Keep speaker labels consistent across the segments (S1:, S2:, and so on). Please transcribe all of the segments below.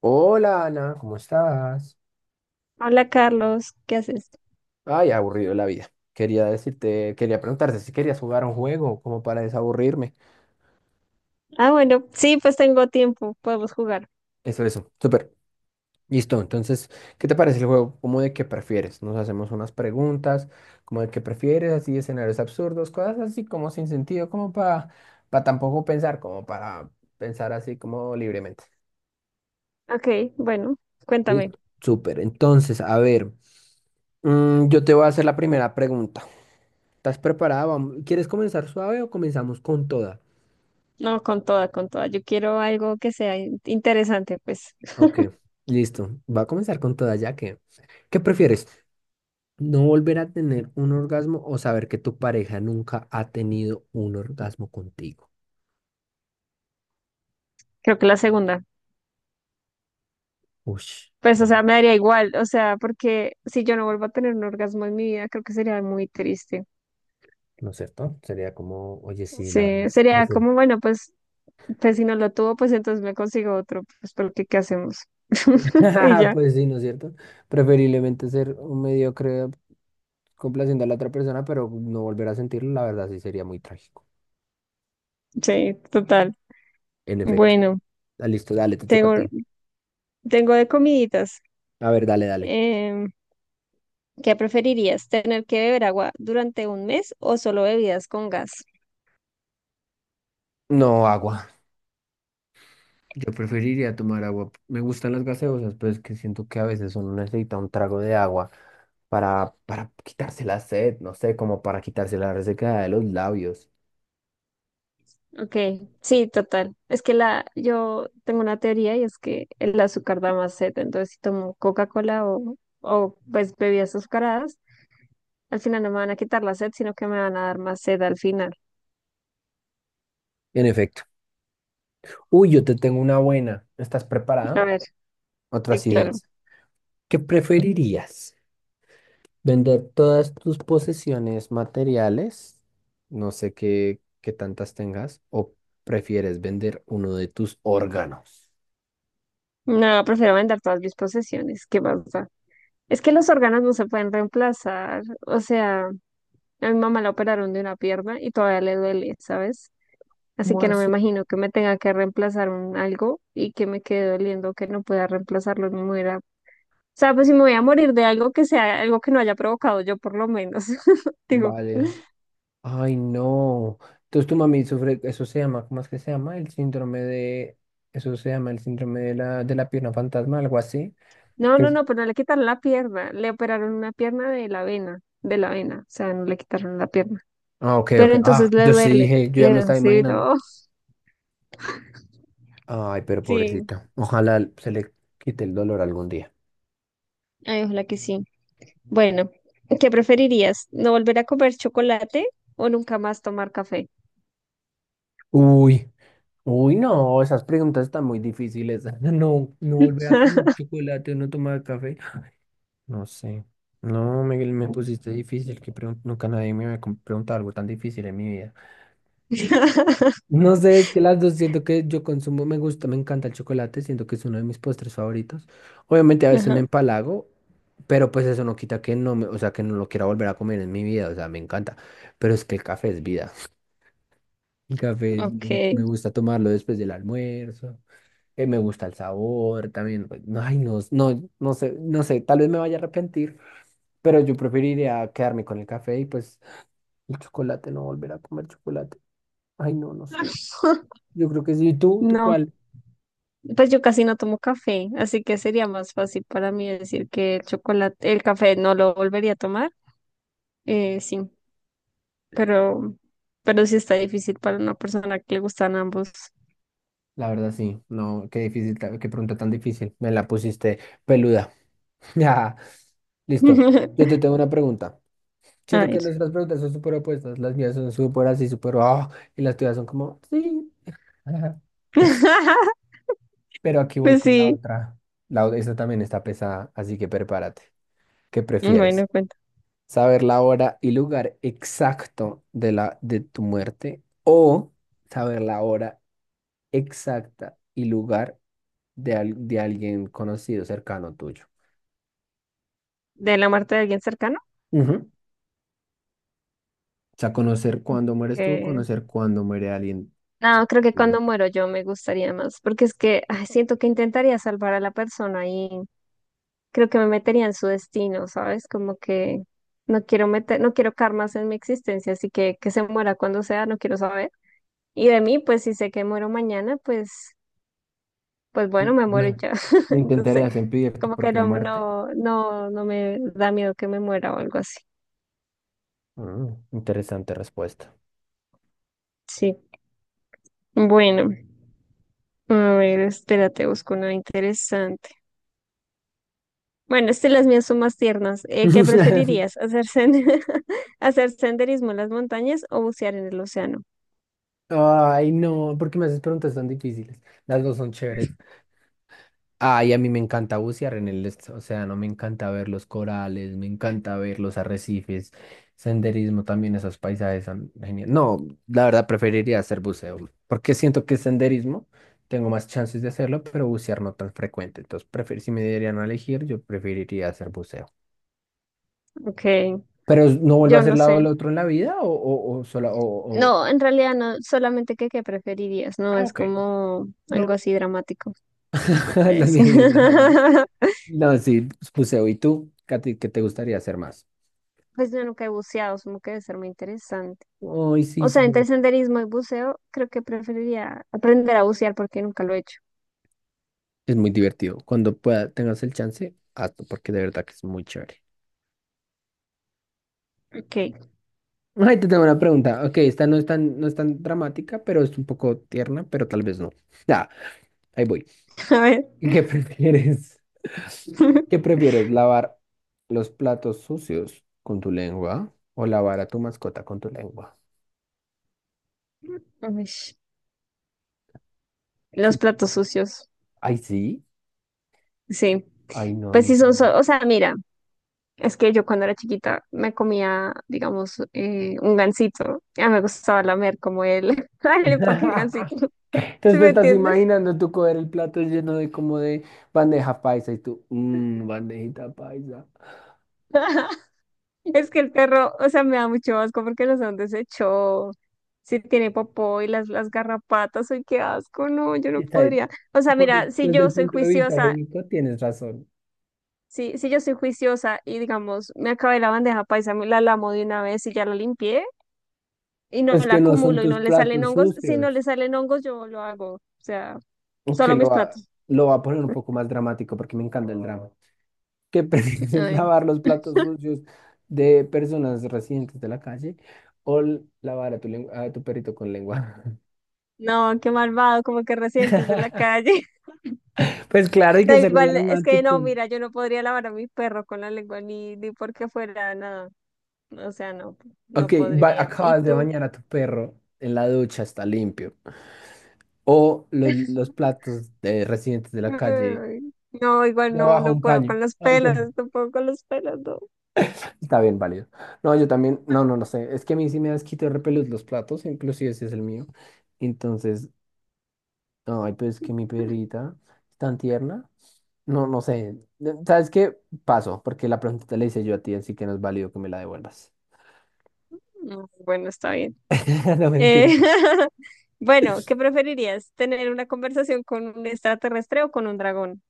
S1: Hola Ana, ¿cómo estás?
S2: Hola Carlos, ¿qué haces?
S1: Ay, aburrido la vida. Quería preguntarte si querías jugar a un juego como para desaburrirme.
S2: Ah, bueno, sí, pues tengo tiempo, podemos jugar.
S1: Eso, súper. Listo, entonces, ¿qué te parece el juego? ¿Cómo de qué prefieres? Nos hacemos unas preguntas, como de qué prefieres, así escenarios absurdos, cosas así como sin sentido, como para tampoco pensar, como para pensar así como libremente.
S2: Ok, bueno, cuéntame.
S1: Listo. Súper, entonces, a ver, yo te voy a hacer la primera pregunta. ¿Estás preparada? ¿Quieres comenzar suave o comenzamos con toda?
S2: No, con toda, con toda. Yo quiero algo que sea interesante, pues
S1: Ok, listo. Va a comenzar con toda ya que... ¿Qué prefieres? ¿No volver a tener un orgasmo o saber que tu pareja nunca ha tenido un orgasmo contigo?
S2: creo que la segunda.
S1: Ush,
S2: Pues, o
S1: no,
S2: sea, me daría igual, o sea, porque si yo no vuelvo a tener un orgasmo en mi vida, creo que sería muy triste.
S1: ¿no es cierto? Sería como, oye, sí, la verdad.
S2: Sí, sería
S1: Prefiero-
S2: como, bueno, pues si no lo tuvo, pues entonces me consigo otro, pues porque ¿qué hacemos? Y ya,
S1: Pues sí, ¿no es cierto? Preferiblemente ser un mediocre complaciendo a la otra persona, pero no volver a sentirlo, la verdad sí sería muy trágico.
S2: sí, total.
S1: En efecto.
S2: Bueno,
S1: Ah, listo, dale, te toca a
S2: tengo,
S1: ti.
S2: tengo de comiditas.
S1: A ver, dale, dale.
S2: Em, ¿Qué preferirías? ¿Tener que beber agua durante un mes o solo bebidas con gas?
S1: No, agua. Yo preferiría tomar agua. Me gustan las gaseosas, pero es que siento que a veces uno necesita un trago de agua para, quitarse la sed, no sé, como para quitarse la resequedad de los labios.
S2: Ok, sí, total. Es que yo tengo una teoría y es que el azúcar da más sed, entonces si tomo Coca-Cola o pues bebidas azucaradas, al final no me van a quitar la sed, sino que me van a dar más sed al final.
S1: En efecto. Uy, yo te tengo una buena. ¿Estás
S2: A
S1: preparada?
S2: ver,
S1: Otra
S2: sí,
S1: así
S2: claro.
S1: densa. ¿Qué preferirías? ¿Vender todas tus posesiones materiales? No sé qué, qué tantas tengas. ¿O prefieres vender uno de tus órganos?
S2: No, prefiero vender todas mis posesiones, ¿qué pasa? Es que los órganos no se pueden reemplazar, o sea, a mi mamá la operaron de una pierna y todavía le duele, ¿sabes? Así
S1: ¿Cómo
S2: que no
S1: así?
S2: me imagino que me tenga que reemplazar un algo y que me quede doliendo que no pueda reemplazarlo ni muera. O sea, pues si me voy a morir de algo que sea algo que no haya provocado yo por lo menos. Digo,
S1: Vale. Ay, no. Entonces tu mami sufre, eso se llama, ¿cómo es que se llama? El síndrome de, eso se llama el síndrome de la pierna fantasma, algo así.
S2: no,
S1: que
S2: no,
S1: es-
S2: no, pero no le quitaron la pierna, le operaron una pierna de la vena, o sea, no le quitaron la pierna.
S1: Ah, ok, ok.
S2: Pero
S1: Ah,
S2: entonces
S1: yo sí dije, yo ya
S2: le
S1: me
S2: duele,
S1: estaba
S2: sí,
S1: imaginando.
S2: no,
S1: Ay, pero
S2: sí,
S1: pobrecita. Ojalá se le quite el dolor algún día.
S2: ay, ojalá que sí. Bueno, ¿qué preferirías? ¿No volver a comer chocolate o nunca más tomar café?
S1: Uy, no, esas preguntas están muy difíciles. No, no volver a comer chocolate o no tomar café. No sé. No, Miguel, me pusiste difícil, nunca nadie me había preguntado algo tan difícil en mi vida. No sé, es que las dos siento que yo consumo, me gusta, me encanta el chocolate, siento que es uno de mis postres favoritos. Obviamente a veces me
S2: Ajá,
S1: empalago, pero pues eso no quita que no me, o sea, que no lo quiera volver a comer en mi vida, o sea, me encanta. Pero es que el café es vida. El café
S2: ok.
S1: me gusta tomarlo después del almuerzo, me gusta el sabor también. Pues, no, ay, no sé, tal vez me vaya a arrepentir, pero yo preferiría quedarme con el café y pues el chocolate, no volver a comer chocolate. Ay, no, no sé. Yo creo que sí. ¿Y tú? ¿Tú
S2: No,
S1: cuál?
S2: pues yo casi no tomo café, así que sería más fácil para mí decir que el chocolate, el café no lo volvería a tomar. Sí, pero, pero sí está difícil para una persona que le gustan ambos.
S1: La verdad sí, no, qué difícil, qué pregunta tan difícil, me la pusiste peluda. Ya, listo, yo te tengo una pregunta.
S2: A
S1: Siento que
S2: ver.
S1: nuestras preguntas son súper opuestas, las mías son súper así, súper, ah, y las tuyas son como, sí. Pero aquí voy
S2: Pues
S1: con la
S2: sí,
S1: otra. Esta también está pesada, así que prepárate. ¿Qué
S2: bueno,
S1: prefieres?
S2: cuenta.
S1: ¿Saber la hora y lugar exacto de tu muerte o saber la hora exacta y lugar de, de alguien conocido, cercano tuyo?
S2: ¿De la muerte de alguien cercano?
S1: Ujú. O sea, conocer cuándo mueres tú,
S2: Que...
S1: conocer cuándo muere alguien
S2: No,
S1: cerca
S2: creo que
S1: tuyo.
S2: cuando muero yo me gustaría más, porque es que ay, siento que intentaría salvar a la persona y creo que me metería en su destino, ¿sabes? Como que no quiero meter, no quiero karmas en mi existencia, así que se muera cuando sea, no quiero saber. Y de mí, pues si sé que muero mañana, pues
S1: No,
S2: bueno, me
S1: no
S2: muero y
S1: in-
S2: ya.
S1: no
S2: Entonces,
S1: intentarías impedir tu
S2: como que
S1: propia
S2: no,
S1: muerte.
S2: no, no, no me da miedo que me muera o algo así.
S1: Mm, interesante respuesta.
S2: Sí. Bueno, a ver, espérate, busco una interesante. Bueno, las mías son más tiernas. ¿Qué preferirías? ¿Hacer senderismo en las montañas o bucear en el océano?
S1: Ay, no, ¿por qué me haces preguntas tan difíciles? Las dos son chéveres. Ay, a mí me encanta bucear en el océano, me encanta ver los corales, me encanta ver los arrecifes, senderismo también, esos paisajes son geniales. No, la verdad preferiría hacer buceo, porque siento que senderismo tengo más chances de hacerlo, pero bucear no tan frecuente. Entonces, si me dieran a elegir, yo preferiría hacer buceo.
S2: Ok,
S1: Pero no vuelvo a
S2: yo
S1: hacer
S2: no
S1: lado
S2: sé.
S1: del otro en la vida o solo
S2: No, en realidad no, solamente que qué preferirías, no
S1: Ah,
S2: es
S1: ok.
S2: como algo
S1: No,
S2: así dramático.
S1: las
S2: Sí.
S1: mías sí son- No, sí, buceo. ¿Y tú, Katy, qué te gustaría hacer más?
S2: Pues yo nunca he buceado, supongo que debe ser muy interesante.
S1: Ay, sí,
S2: O
S1: sí.
S2: sea, entre senderismo y buceo, creo que preferiría aprender a bucear porque nunca lo he hecho.
S1: Es muy divertido. Cuando pueda, tengas el chance, hazlo, porque de verdad que es muy chévere.
S2: Ok,
S1: Ay, te tengo una pregunta. Ok, esta no es tan, no es tan dramática, pero es un poco tierna, pero tal vez no. Ya, ahí voy.
S2: a ver.
S1: ¿Qué prefieres? ¿Qué prefieres? ¿Lavar los platos sucios con tu lengua o lavar a tu mascota con tu lengua?
S2: Uish,
S1: Chu-
S2: los platos sucios.
S1: Ay, sí.
S2: Sí,
S1: Ay, no, a
S2: pues
S1: mí.
S2: sí
S1: Eso
S2: son,
S1: me da-
S2: o sea, mira, es que yo cuando era chiquita me comía, digamos, un gansito. Ya me gustaba lamer como él. El
S1: pena.
S2: empaque del gansito, ¿sí
S1: Entonces te
S2: me
S1: estás
S2: entiendes?
S1: imaginando tú coger el plato lleno de bandeja paisa y tú, mmm, bandejita paisa.
S2: Es que el perro, o sea, me da mucho asco porque los han deshecho. Si tiene popó y las garrapatas, ay, qué asco, no, yo no
S1: Está bien.
S2: podría. O sea, mira, si
S1: Desde
S2: yo
S1: el
S2: soy
S1: punto de vista
S2: juiciosa,
S1: higiénico tienes razón.
S2: si yo soy juiciosa y digamos, me acabé la bandeja paisa, me la lamo de una vez y ya la limpié y no
S1: Pues
S2: la
S1: que no son
S2: acumulo y
S1: tus
S2: no le salen
S1: platos
S2: hongos, si no
S1: sucios.
S2: le salen hongos, yo lo hago. O sea,
S1: Que
S2: solo mis
S1: lo va,
S2: platos.
S1: lo va a poner un poco más dramático porque me encanta el drama. ¿Que
S2: A
S1: prefieres
S2: ver.
S1: lavar los platos sucios de personas residentes de la calle o lavar a tu, a tu perrito con lengua?
S2: No, qué malvado, como que recientes de la calle.
S1: Pues claro, hay que
S2: Da
S1: hacerlo
S2: igual, es que no,
S1: dramático.
S2: mira, yo no podría lavar a mi perro con la lengua ni porque fuera nada. O sea, no, no
S1: Ok,
S2: podría. ¿Y
S1: acabas de
S2: tú?
S1: bañar a tu perro en la ducha, está limpio. O los platos de residentes de la calle
S2: Ay, no, igual no,
S1: debajo de
S2: no
S1: un
S2: puedo
S1: caño.
S2: con los pelos, no puedo con los pelos, no.
S1: Está bien válido. No, yo también, no sé. Es que a mí sí me da asquito de repelús los platos, inclusive ese es el mío. Entonces, no, ay, pero es que mi perrita es tan tierna. No, no sé. ¿Sabes qué? Paso, porque la pregunta le la hice yo a ti, así que no es válido que me la devuelvas.
S2: No, bueno, está bien.
S1: No,
S2: Eh,
S1: mentira.
S2: bueno, ¿qué preferirías? ¿Tener una conversación con un extraterrestre o con un dragón?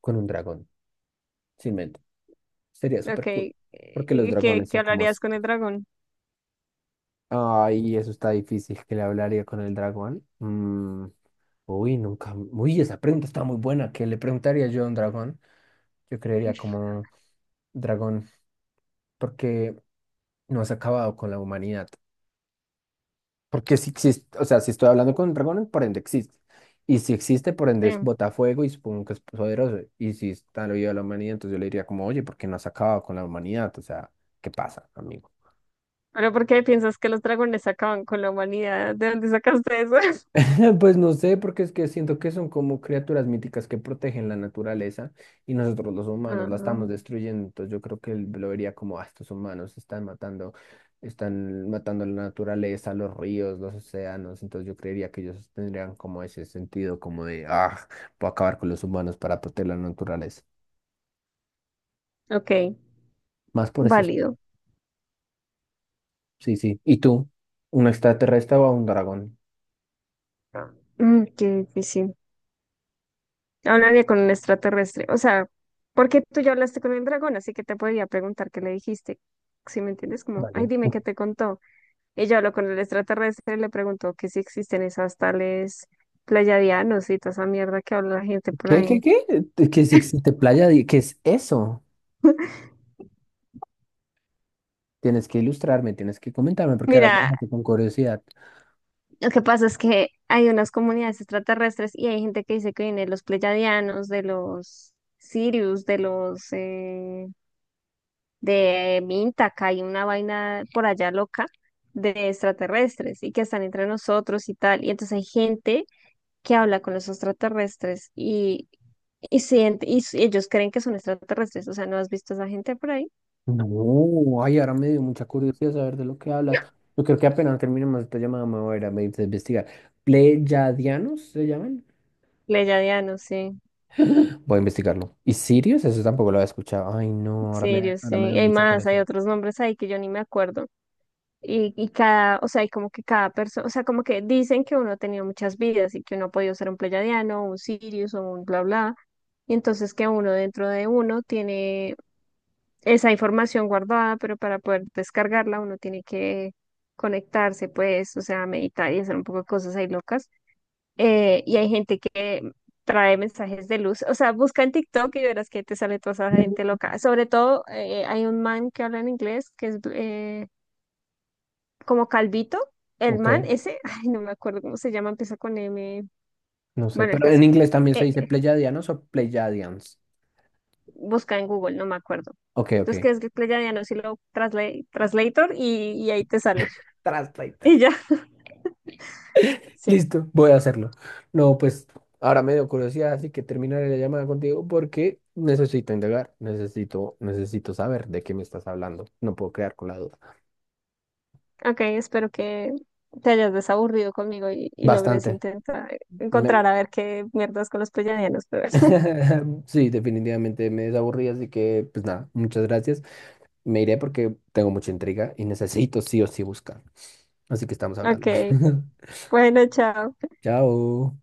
S1: Con un dragón, sin mente. Sería
S2: Ok,
S1: súper cool. Porque los
S2: ¿y ¿qué,
S1: dragones
S2: qué
S1: son como
S2: hablarías
S1: así.
S2: con el dragón?
S1: Ay, eso está difícil, que le hablaría con el dragón. Mm, uy, nunca. Uy, esa pregunta está muy buena. ¿Qué le preguntaría yo a un dragón? Yo creería como dragón, porque no has acabado con la humanidad. Porque si existe, o sea, si estoy hablando con un dragón, por ende existe. Y si existe, por ende es
S2: Sí.
S1: botafuego y supongo que es poderoso. Y si está lo vivo de la humanidad, entonces yo le diría como, oye, ¿por qué no has acabado con la humanidad? O sea, ¿qué pasa, amigo?
S2: Ahora, ¿por qué piensas que los dragones acaban con la humanidad? ¿De dónde sacaste eso?
S1: Pues no sé, porque es que siento que son como criaturas míticas que protegen la naturaleza y nosotros los humanos la
S2: Ah,
S1: estamos destruyendo. Entonces yo creo que él lo vería como, ah, estos humanos están matando la naturaleza, los ríos, los océanos. Entonces yo creería que ellos tendrían como ese sentido como de, ah, puedo acabar con los humanos para proteger la naturaleza.
S2: ok,
S1: Más por eso.
S2: válido.
S1: Sí, sí. ¿Y tú? ¿Un extraterrestre o un dragón?
S2: Qué difícil. Hablaría con un extraterrestre. O sea, porque tú ya hablaste con el dragón, así que te podría preguntar qué le dijiste. Si me entiendes, como, ay,
S1: Vale.
S2: dime qué te contó. Ella habló con el extraterrestre y le preguntó que si existen esas tales pleiadianos y toda esa mierda que habla la gente por
S1: ¿Qué,
S2: ahí.
S1: qué, qué? ¿Qué que es existe playa? ¿Qué es eso? Tienes que ilustrarme, tienes que comentarme, porque ahora me
S2: Mira,
S1: dejaste con curiosidad.
S2: lo que pasa es que hay unas comunidades extraterrestres y hay gente que dice que viene de los pleiadianos, de los Sirius, de Minta, que hay una vaina por allá loca de extraterrestres y que están entre nosotros y tal. Y entonces hay gente que habla con los extraterrestres ellos creen que son extraterrestres. O sea, ¿no has visto a esa gente por ahí?
S1: No, ay, ahora me dio mucha curiosidad saber de lo que hablas. Yo creo que apenas terminemos esta llamada me voy a ir a investigar. ¿Pleyadianos se llaman?
S2: Pleyadianos, sí,
S1: Voy a investigarlo. ¿Y Sirius? Eso tampoco lo había escuchado. Ay, no,
S2: Sirius, sí.
S1: ahora me dio
S2: Y hay
S1: mucha
S2: más, hay
S1: curiosidad.
S2: otros nombres ahí que yo ni me acuerdo. Y cada, o sea, y como que cada persona, o sea, como que dicen que uno ha tenido muchas vidas y que uno ha podido ser un pleyadiano, un Sirius o un bla bla. Y entonces que uno dentro de uno tiene esa información guardada, pero para poder descargarla uno tiene que conectarse, pues, o sea, meditar y hacer un poco de cosas ahí locas. Y hay gente que trae mensajes de luz, o sea, busca en TikTok y verás que te sale toda esa gente
S1: Ujú.
S2: loca. Sobre todo, hay un man que habla en inglés que es como Calvito, el
S1: Ok,
S2: man ese, ay, no me acuerdo cómo se llama, empieza con M,
S1: no sé,
S2: bueno, el
S1: pero en
S2: caso.
S1: inglés también se
S2: Eh,
S1: dice Pleyadianos o Pleyadians.
S2: busca en Google, no me acuerdo.
S1: Ok, ok.
S2: Entonces, que es que le llaman así Translator y ahí te sale.
S1: Translator.
S2: Y ya. Sí,
S1: Listo, voy a hacerlo. No, pues ahora me dio curiosidad, así que terminaré la llamada contigo porque necesito indagar, necesito saber de qué me estás hablando. No puedo quedar con la duda.
S2: ok, espero que te hayas desaburrido conmigo y logres
S1: Bastante.
S2: intentar
S1: Me-
S2: encontrar a ver qué mierdas con los pleyadianos, pero
S1: Sí, definitivamente me desaburrí, así que pues nada, muchas gracias. Me iré porque tengo mucha intriga y necesito sí o sí buscar. Así que estamos
S2: ok,
S1: hablando.
S2: bueno, chao.
S1: Chao.